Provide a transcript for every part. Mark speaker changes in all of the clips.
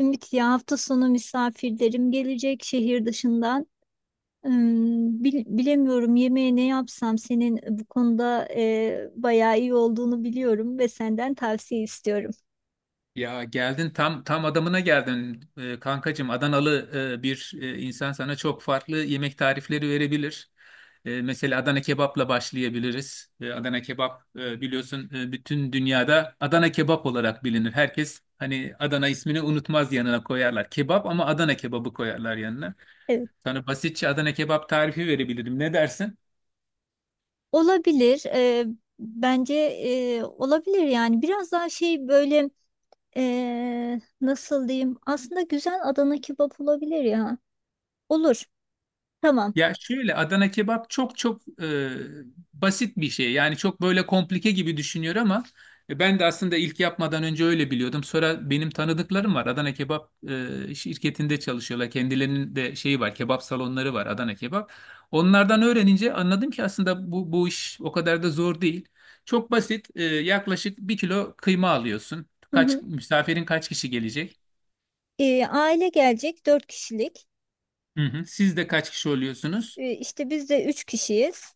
Speaker 1: Ümit ya hafta sonu misafirlerim gelecek şehir dışından. Bilemiyorum yemeğe ne yapsam senin bu konuda bayağı iyi olduğunu biliyorum ve senden tavsiye istiyorum.
Speaker 2: Ya geldin tam adamına geldin, kankacığım. Adanalı bir insan sana çok farklı yemek tarifleri verebilir. Mesela Adana kebapla başlayabiliriz. Adana kebap, biliyorsun, bütün dünyada Adana kebap olarak bilinir. Herkes hani Adana ismini unutmaz, yanına koyarlar. Kebap ama Adana kebabı koyarlar yanına.
Speaker 1: Evet.
Speaker 2: Sana basitçe Adana kebap tarifi verebilirim. Ne dersin?
Speaker 1: Olabilir. Bence olabilir yani biraz daha şey böyle, nasıl diyeyim? Aslında güzel Adana kebap olabilir ya. Olur. Tamam.
Speaker 2: Ya şöyle Adana kebap çok çok basit bir şey. Yani çok böyle komplike gibi düşünüyor ama, ben de aslında ilk yapmadan önce öyle biliyordum. Sonra benim tanıdıklarım var. Adana kebap şirketinde çalışıyorlar. Kendilerinin de şeyi var. Kebap salonları var, Adana kebap. Onlardan öğrenince anladım ki aslında bu iş o kadar da zor değil. Çok basit. Yaklaşık bir kilo kıyma alıyorsun.
Speaker 1: Hı hı.
Speaker 2: Kaç misafirin, kaç kişi gelecek?
Speaker 1: Aile gelecek dört kişilik.
Speaker 2: Hı hı. Siz de kaç kişi oluyorsunuz?
Speaker 1: İşte biz de üç kişiyiz.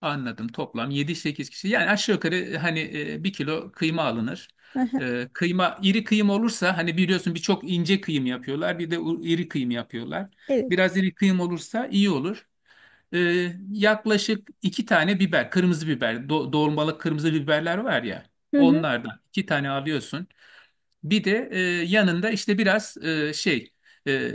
Speaker 2: Anladım. Toplam yedi sekiz kişi. Yani aşağı yukarı, hani, bir kilo kıyma alınır.
Speaker 1: Hı hı.
Speaker 2: Kıyma iri kıyım olursa, hani biliyorsun, birçok ince kıyım yapıyorlar. Bir de iri kıyım yapıyorlar.
Speaker 1: Evet.
Speaker 2: Biraz iri kıyım olursa iyi olur. E, Yaklaşık iki tane biber, kırmızı biber, dolmalık kırmızı biberler var ya.
Speaker 1: Hı hı.
Speaker 2: Onlardan iki tane alıyorsun. Bir de yanında işte biraz şey e,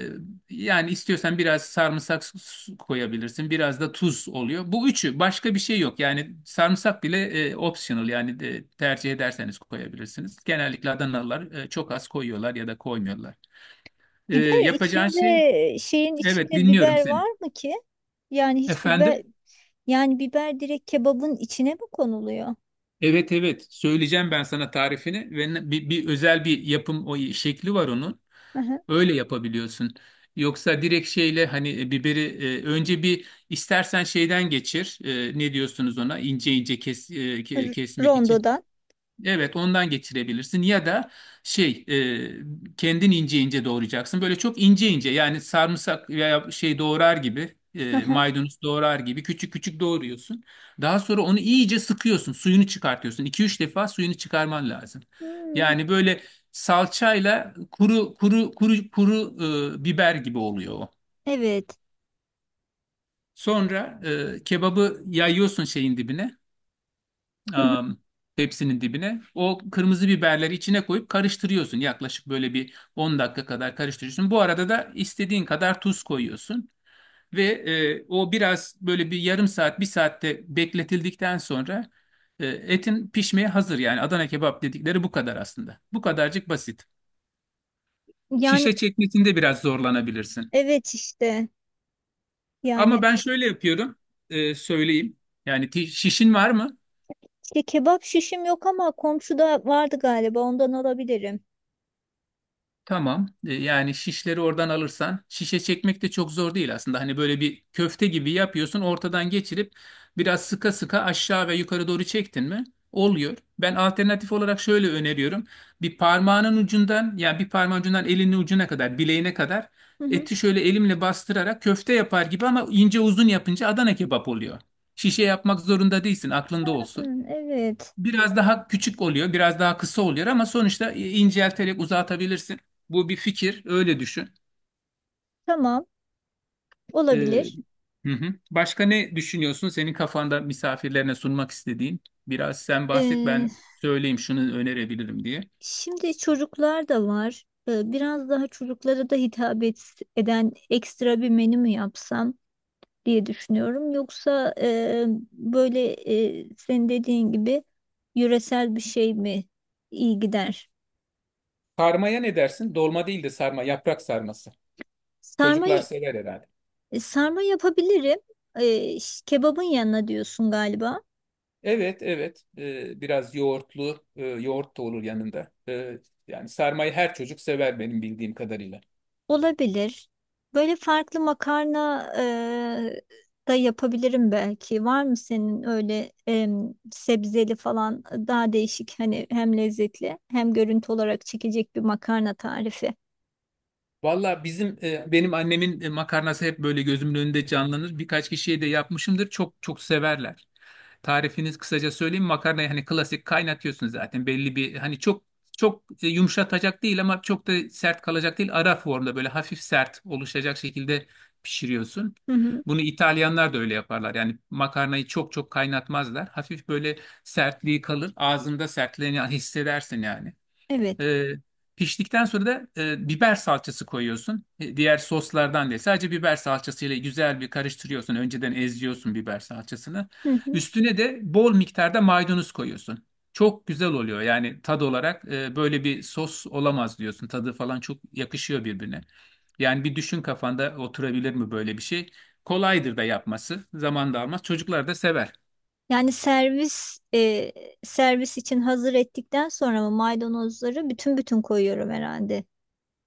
Speaker 2: yani istiyorsan biraz sarımsak koyabilirsin. Biraz da tuz oluyor. Bu üçü, başka bir şey yok. Yani sarımsak bile, optional, yani de, tercih ederseniz koyabilirsiniz. Genellikle Adanalılar, çok az koyuyorlar ya da koymuyorlar.
Speaker 1: Biber
Speaker 2: Yapacağın şey.
Speaker 1: içinde şeyin
Speaker 2: Evet,
Speaker 1: içinde
Speaker 2: dinliyorum
Speaker 1: biber
Speaker 2: seni.
Speaker 1: var mı ki? Yani hiç biber
Speaker 2: Efendim?
Speaker 1: Yani biber direkt kebabın içine mi konuluyor?
Speaker 2: Evet, evet, söyleyeceğim ben sana tarifini, ve bir özel bir yapım o şekli var onun.
Speaker 1: Hı hı.
Speaker 2: Öyle yapabiliyorsun. Yoksa direkt şeyle, hani, biberi, önce bir istersen şeyden geçir. Ne diyorsunuz ona? İnce ince kes, kesmek için.
Speaker 1: Rondodan.
Speaker 2: Evet, ondan geçirebilirsin ya da şey, kendin ince ince doğrayacaksın. Böyle çok ince ince, yani sarımsak veya şey doğrar gibi
Speaker 1: Hı
Speaker 2: e,
Speaker 1: hı.
Speaker 2: maydanoz doğrar gibi küçük küçük doğruyorsun. Daha sonra onu iyice sıkıyorsun, suyunu çıkartıyorsun. 2 üç defa suyunu çıkarman lazım.
Speaker 1: Hmm,
Speaker 2: Yani böyle salçayla kuru kuru kuru kuru, biber gibi oluyor o.
Speaker 1: evet.
Speaker 2: Sonra, kebabı yayıyorsun şeyin dibine.
Speaker 1: Hı hı.
Speaker 2: am, Tepsinin dibine. O kırmızı biberleri içine koyup karıştırıyorsun. Yaklaşık böyle bir 10 dakika kadar karıştırıyorsun. Bu arada da istediğin kadar tuz koyuyorsun. Ve o, biraz böyle bir yarım saat, bir saatte bekletildikten sonra, etin pişmeye hazır. Yani Adana kebap dedikleri bu kadar aslında. Bu kadarcık basit.
Speaker 1: Yani
Speaker 2: Şişe çekmesinde biraz zorlanabilirsin.
Speaker 1: evet işte.
Speaker 2: Ama
Speaker 1: Yani
Speaker 2: ben şöyle yapıyorum, söyleyeyim. Yani şişin var mı?
Speaker 1: işte kebap şişim yok ama komşuda vardı galiba ondan alabilirim.
Speaker 2: Tamam. Yani şişleri oradan alırsan, şişe çekmek de çok zor değil aslında. Hani böyle bir köfte gibi yapıyorsun, ortadan geçirip biraz sıka sıka aşağı ve yukarı doğru çektin mi? Oluyor. Ben alternatif olarak şöyle öneriyorum. Bir parmağının ucundan, yani bir parmağın ucundan elinin ucuna kadar, bileğine kadar
Speaker 1: Hı hı.
Speaker 2: eti şöyle elimle bastırarak köfte yapar gibi, ama ince uzun yapınca Adana kebap oluyor. Şişe yapmak zorunda değilsin, aklında olsun.
Speaker 1: Hı, evet.
Speaker 2: Biraz daha küçük oluyor, biraz daha kısa oluyor, ama sonuçta incelterek uzatabilirsin. Bu bir fikir, öyle düşün.
Speaker 1: Tamam.
Speaker 2: Ee,
Speaker 1: Olabilir.
Speaker 2: hı hı. Başka ne düşünüyorsun? Senin kafanda misafirlerine sunmak istediğin. Biraz sen bahset,
Speaker 1: Ee,
Speaker 2: ben söyleyeyim şunu önerebilirim diye.
Speaker 1: Şimdi çocuklar da var. Biraz daha çocuklara da eden ekstra bir menü mü yapsam diye düşünüyorum. Yoksa böyle, senin dediğin gibi yöresel bir şey mi iyi gider?
Speaker 2: Sarmaya ne dersin? Dolma değil de sarma, yaprak sarması.
Speaker 1: Sarma.
Speaker 2: Çocuklar sever herhalde.
Speaker 1: Sarma yapabilirim. Kebabın yanına diyorsun galiba.
Speaker 2: Evet, evet. Biraz yoğurtlu, yoğurt da olur yanında. Yani sarmayı her çocuk sever, benim bildiğim kadarıyla.
Speaker 1: Olabilir. Böyle farklı makarna da yapabilirim belki. Var mı senin öyle, sebzeli falan daha değişik hani hem lezzetli hem görüntü olarak çekecek bir makarna tarifi?
Speaker 2: Valla bizim, benim annemin, makarnası hep böyle gözümün önünde canlanır. Birkaç kişiye de yapmışımdır. Çok çok severler. Tarifiniz kısaca söyleyeyim. Makarnayı hani klasik kaynatıyorsun zaten. Belli bir, hani, çok çok, yumuşatacak değil ama çok da sert kalacak değil. Ara formda böyle hafif sert oluşacak şekilde pişiriyorsun.
Speaker 1: Hı hı.
Speaker 2: Bunu İtalyanlar da öyle yaparlar. Yani makarnayı çok çok kaynatmazlar. Hafif böyle sertliği kalır. Ağzında sertliğini hissedersin yani.
Speaker 1: Evet.
Speaker 2: E, Piştikten sonra da biber salçası koyuyorsun. Diğer soslardan değil. Sadece biber salçasıyla güzel bir karıştırıyorsun. Önceden eziyorsun biber salçasını.
Speaker 1: Hı hı.
Speaker 2: Üstüne de bol miktarda maydanoz koyuyorsun. Çok güzel oluyor. Yani tad olarak, böyle bir sos olamaz diyorsun. Tadı falan çok yakışıyor birbirine. Yani bir düşün, kafanda oturabilir mi böyle bir şey? Kolaydır da yapması. Zaman da almaz. Çocuklar da sever.
Speaker 1: Yani servis için hazır ettikten sonra mı maydanozları bütün bütün koyuyorum herhalde.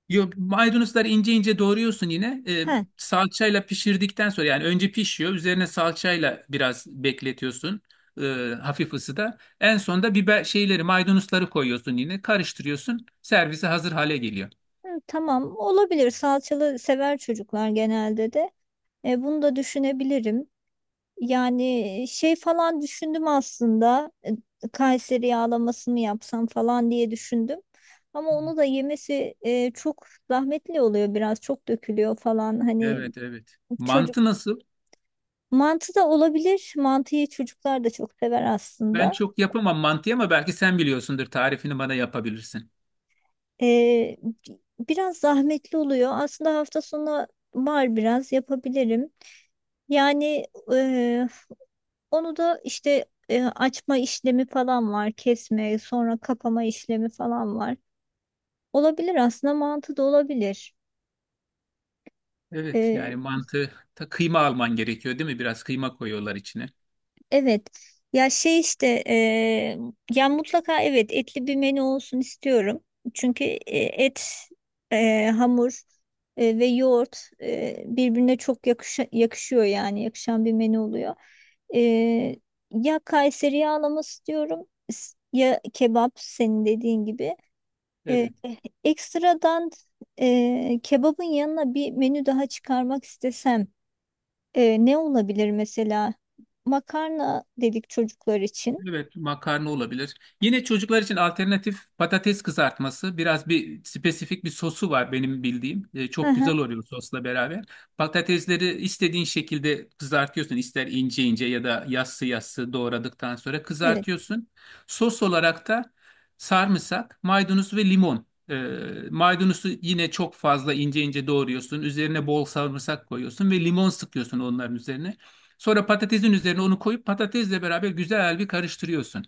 Speaker 2: Yo, maydanozları ince ince doğruyorsun yine.
Speaker 1: He.
Speaker 2: Salçayla pişirdikten sonra, yani önce pişiyor. Üzerine salçayla biraz bekletiyorsun. e, Hafif ısıda. En sonda biber şeyleri, maydanozları koyuyorsun yine. Karıştırıyorsun. Servise hazır hale geliyor.
Speaker 1: Hı, tamam olabilir. Salçalı sever çocuklar genelde de. Bunu da düşünebilirim. Yani şey falan düşündüm aslında. Kayseri yağlamasını yapsam falan diye düşündüm. Ama onu da yemesi çok zahmetli oluyor biraz. Çok dökülüyor falan. Hani
Speaker 2: Evet, evet.
Speaker 1: çocuk
Speaker 2: Mantı nasıl?
Speaker 1: mantı da olabilir. Mantıyı çocuklar da çok sever
Speaker 2: Ben
Speaker 1: aslında.
Speaker 2: çok yapamam mantıyı, ama belki sen biliyorsundur. Tarifini bana yapabilirsin.
Speaker 1: E, Biraz zahmetli oluyor. Aslında hafta sonu var biraz yapabilirim. Yani e, onu da işte açma işlemi falan var, kesme, sonra kapama işlemi falan var. Olabilir aslında mantığı da olabilir.
Speaker 2: Evet, yani
Speaker 1: E,
Speaker 2: mantı ta kıyma alman gerekiyor değil mi? Biraz kıyma koyuyorlar içine.
Speaker 1: evet. Ya şey işte, ya mutlaka evet etli bir menü olsun istiyorum. Çünkü et, hamur ve yoğurt birbirine çok yakışıyor yani yakışan bir menü oluyor. E, Ya Kayseri yağlaması diyorum ya kebap senin dediğin gibi. Ee,
Speaker 2: Evet.
Speaker 1: Ekstradan kebabın yanına bir menü daha çıkarmak istesem, ne olabilir mesela? Makarna dedik çocuklar için.
Speaker 2: Evet, makarna olabilir. Yine çocuklar için alternatif patates kızartması. Biraz bir spesifik bir sosu var benim bildiğim.
Speaker 1: Hı
Speaker 2: Çok
Speaker 1: hı,
Speaker 2: güzel oluyor sosla beraber. Patatesleri istediğin şekilde kızartıyorsun. İster ince ince ya da yassı yassı doğradıktan sonra
Speaker 1: evet.
Speaker 2: kızartıyorsun. Sos olarak da sarımsak, maydanoz ve limon. Maydanozu yine çok fazla ince ince doğruyorsun. Üzerine bol sarımsak koyuyorsun ve limon sıkıyorsun onların üzerine. Sonra patatesin üzerine onu koyup patatesle beraber güzel bir karıştırıyorsun.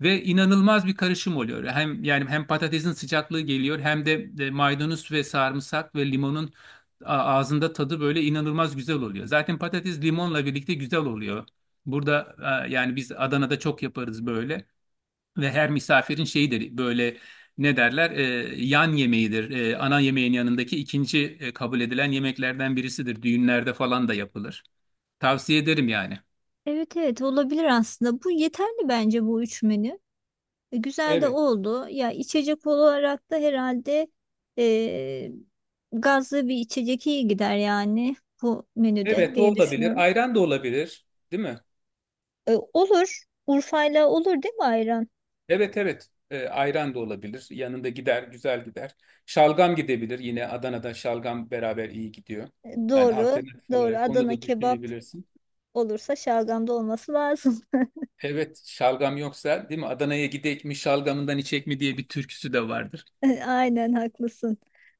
Speaker 2: Ve inanılmaz bir karışım oluyor. Hem yani hem patatesin sıcaklığı geliyor, hem de maydanoz ve sarımsak ve limonun ağzında tadı böyle inanılmaz güzel oluyor. Zaten patates limonla birlikte güzel oluyor. Burada, yani biz Adana'da çok yaparız böyle. Ve her misafirin şeyidir böyle, ne derler, yan yemeğidir. Ana yemeğin yanındaki ikinci, kabul edilen yemeklerden birisidir. Düğünlerde falan da yapılır. Tavsiye ederim yani.
Speaker 1: Evet, evet, olabilir aslında. Bu yeterli bence bu üç menü. Güzel de
Speaker 2: Evet.
Speaker 1: oldu. Ya içecek olarak da herhalde e, gazlı bir içecek iyi gider yani bu menüde
Speaker 2: Evet, o
Speaker 1: diye
Speaker 2: olabilir.
Speaker 1: düşünüyorum.
Speaker 2: Ayran da olabilir, değil mi?
Speaker 1: Olur. Urfa'yla olur değil mi ayran?
Speaker 2: Evet, evet. Ayran da olabilir. Yanında gider, güzel gider. Şalgam gidebilir. Yine Adana'da şalgam beraber iyi gidiyor. Yani
Speaker 1: Doğru.
Speaker 2: alternatif
Speaker 1: Doğru.
Speaker 2: olarak onu
Speaker 1: Adana
Speaker 2: da
Speaker 1: kebap
Speaker 2: düşünebilirsin.
Speaker 1: olursa şalgamda olması lazım.
Speaker 2: Evet, şalgam yoksa, değil mi? Adana'ya gidek mi, şalgamından içek mi diye bir türküsü de vardır.
Speaker 1: Aynen haklısın.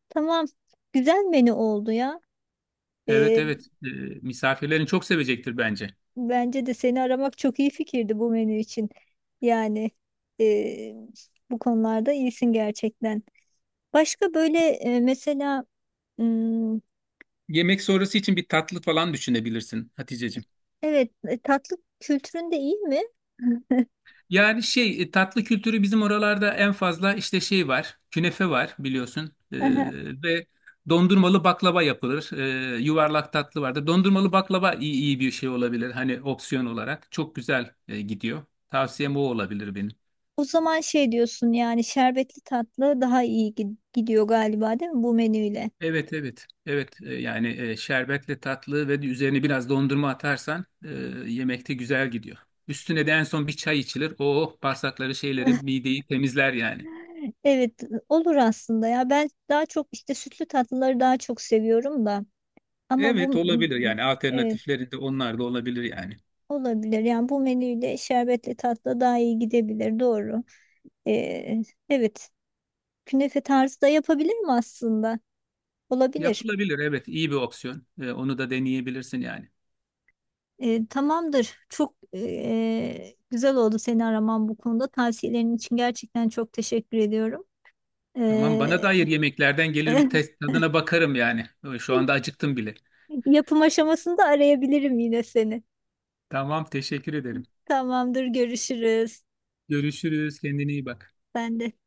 Speaker 1: Tamam. Güzel menü oldu ya.
Speaker 2: Evet,
Speaker 1: Ee,
Speaker 2: evet. Misafirlerin çok sevecektir bence.
Speaker 1: Bence de seni aramak çok iyi fikirdi bu menü için. Yani e, bu konularda iyisin gerçekten. Başka böyle, mesela, hmm,
Speaker 2: Yemek sonrası için bir tatlı falan düşünebilirsin, Haticeciğim.
Speaker 1: evet, tatlı kültürün de iyi mi?
Speaker 2: Yani şey, tatlı kültürü bizim oralarda en fazla, işte şey var, künefe var, biliyorsun.
Speaker 1: Aha.
Speaker 2: Ve dondurmalı baklava yapılır. Yuvarlak tatlı vardır. Dondurmalı baklava, iyi bir şey olabilir, hani opsiyon olarak çok güzel gidiyor. Tavsiyem o olabilir benim.
Speaker 1: O zaman şey diyorsun yani şerbetli tatlı daha iyi gidiyor galiba değil mi bu menüyle?
Speaker 2: Evet, evet, evet. Yani, şerbetle tatlı, ve üzerine biraz dondurma atarsan, yemekte güzel gidiyor. Üstüne de en son bir çay içilir. Oh, bağırsakları şeyleri, mideyi temizler yani.
Speaker 1: Evet, olur aslında ya. Ben daha çok işte sütlü tatlıları daha çok seviyorum da ama
Speaker 2: Evet,
Speaker 1: bu
Speaker 2: olabilir yani,
Speaker 1: evet,
Speaker 2: alternatifleri de, onlar da olabilir yani.
Speaker 1: olabilir yani bu menüyle şerbetli tatlı daha iyi gidebilir, doğru. Ee, evet, künefe tarzı da yapabilir mi aslında olabilir.
Speaker 2: Yapılabilir, evet, iyi bir opsiyon. Onu da deneyebilirsin yani.
Speaker 1: Tamamdır çok, güzel oldu seni araman bu konuda tavsiyelerin için gerçekten çok teşekkür ediyorum.
Speaker 2: Tamam, bana
Speaker 1: Ee,
Speaker 2: dair yemeklerden gelir bir test, tadına bakarım yani. Şu anda acıktım bile.
Speaker 1: Yapım aşamasında arayabilirim yine seni.
Speaker 2: Tamam, teşekkür ederim.
Speaker 1: Tamamdır görüşürüz.
Speaker 2: Görüşürüz, kendine iyi bak.
Speaker 1: Ben de.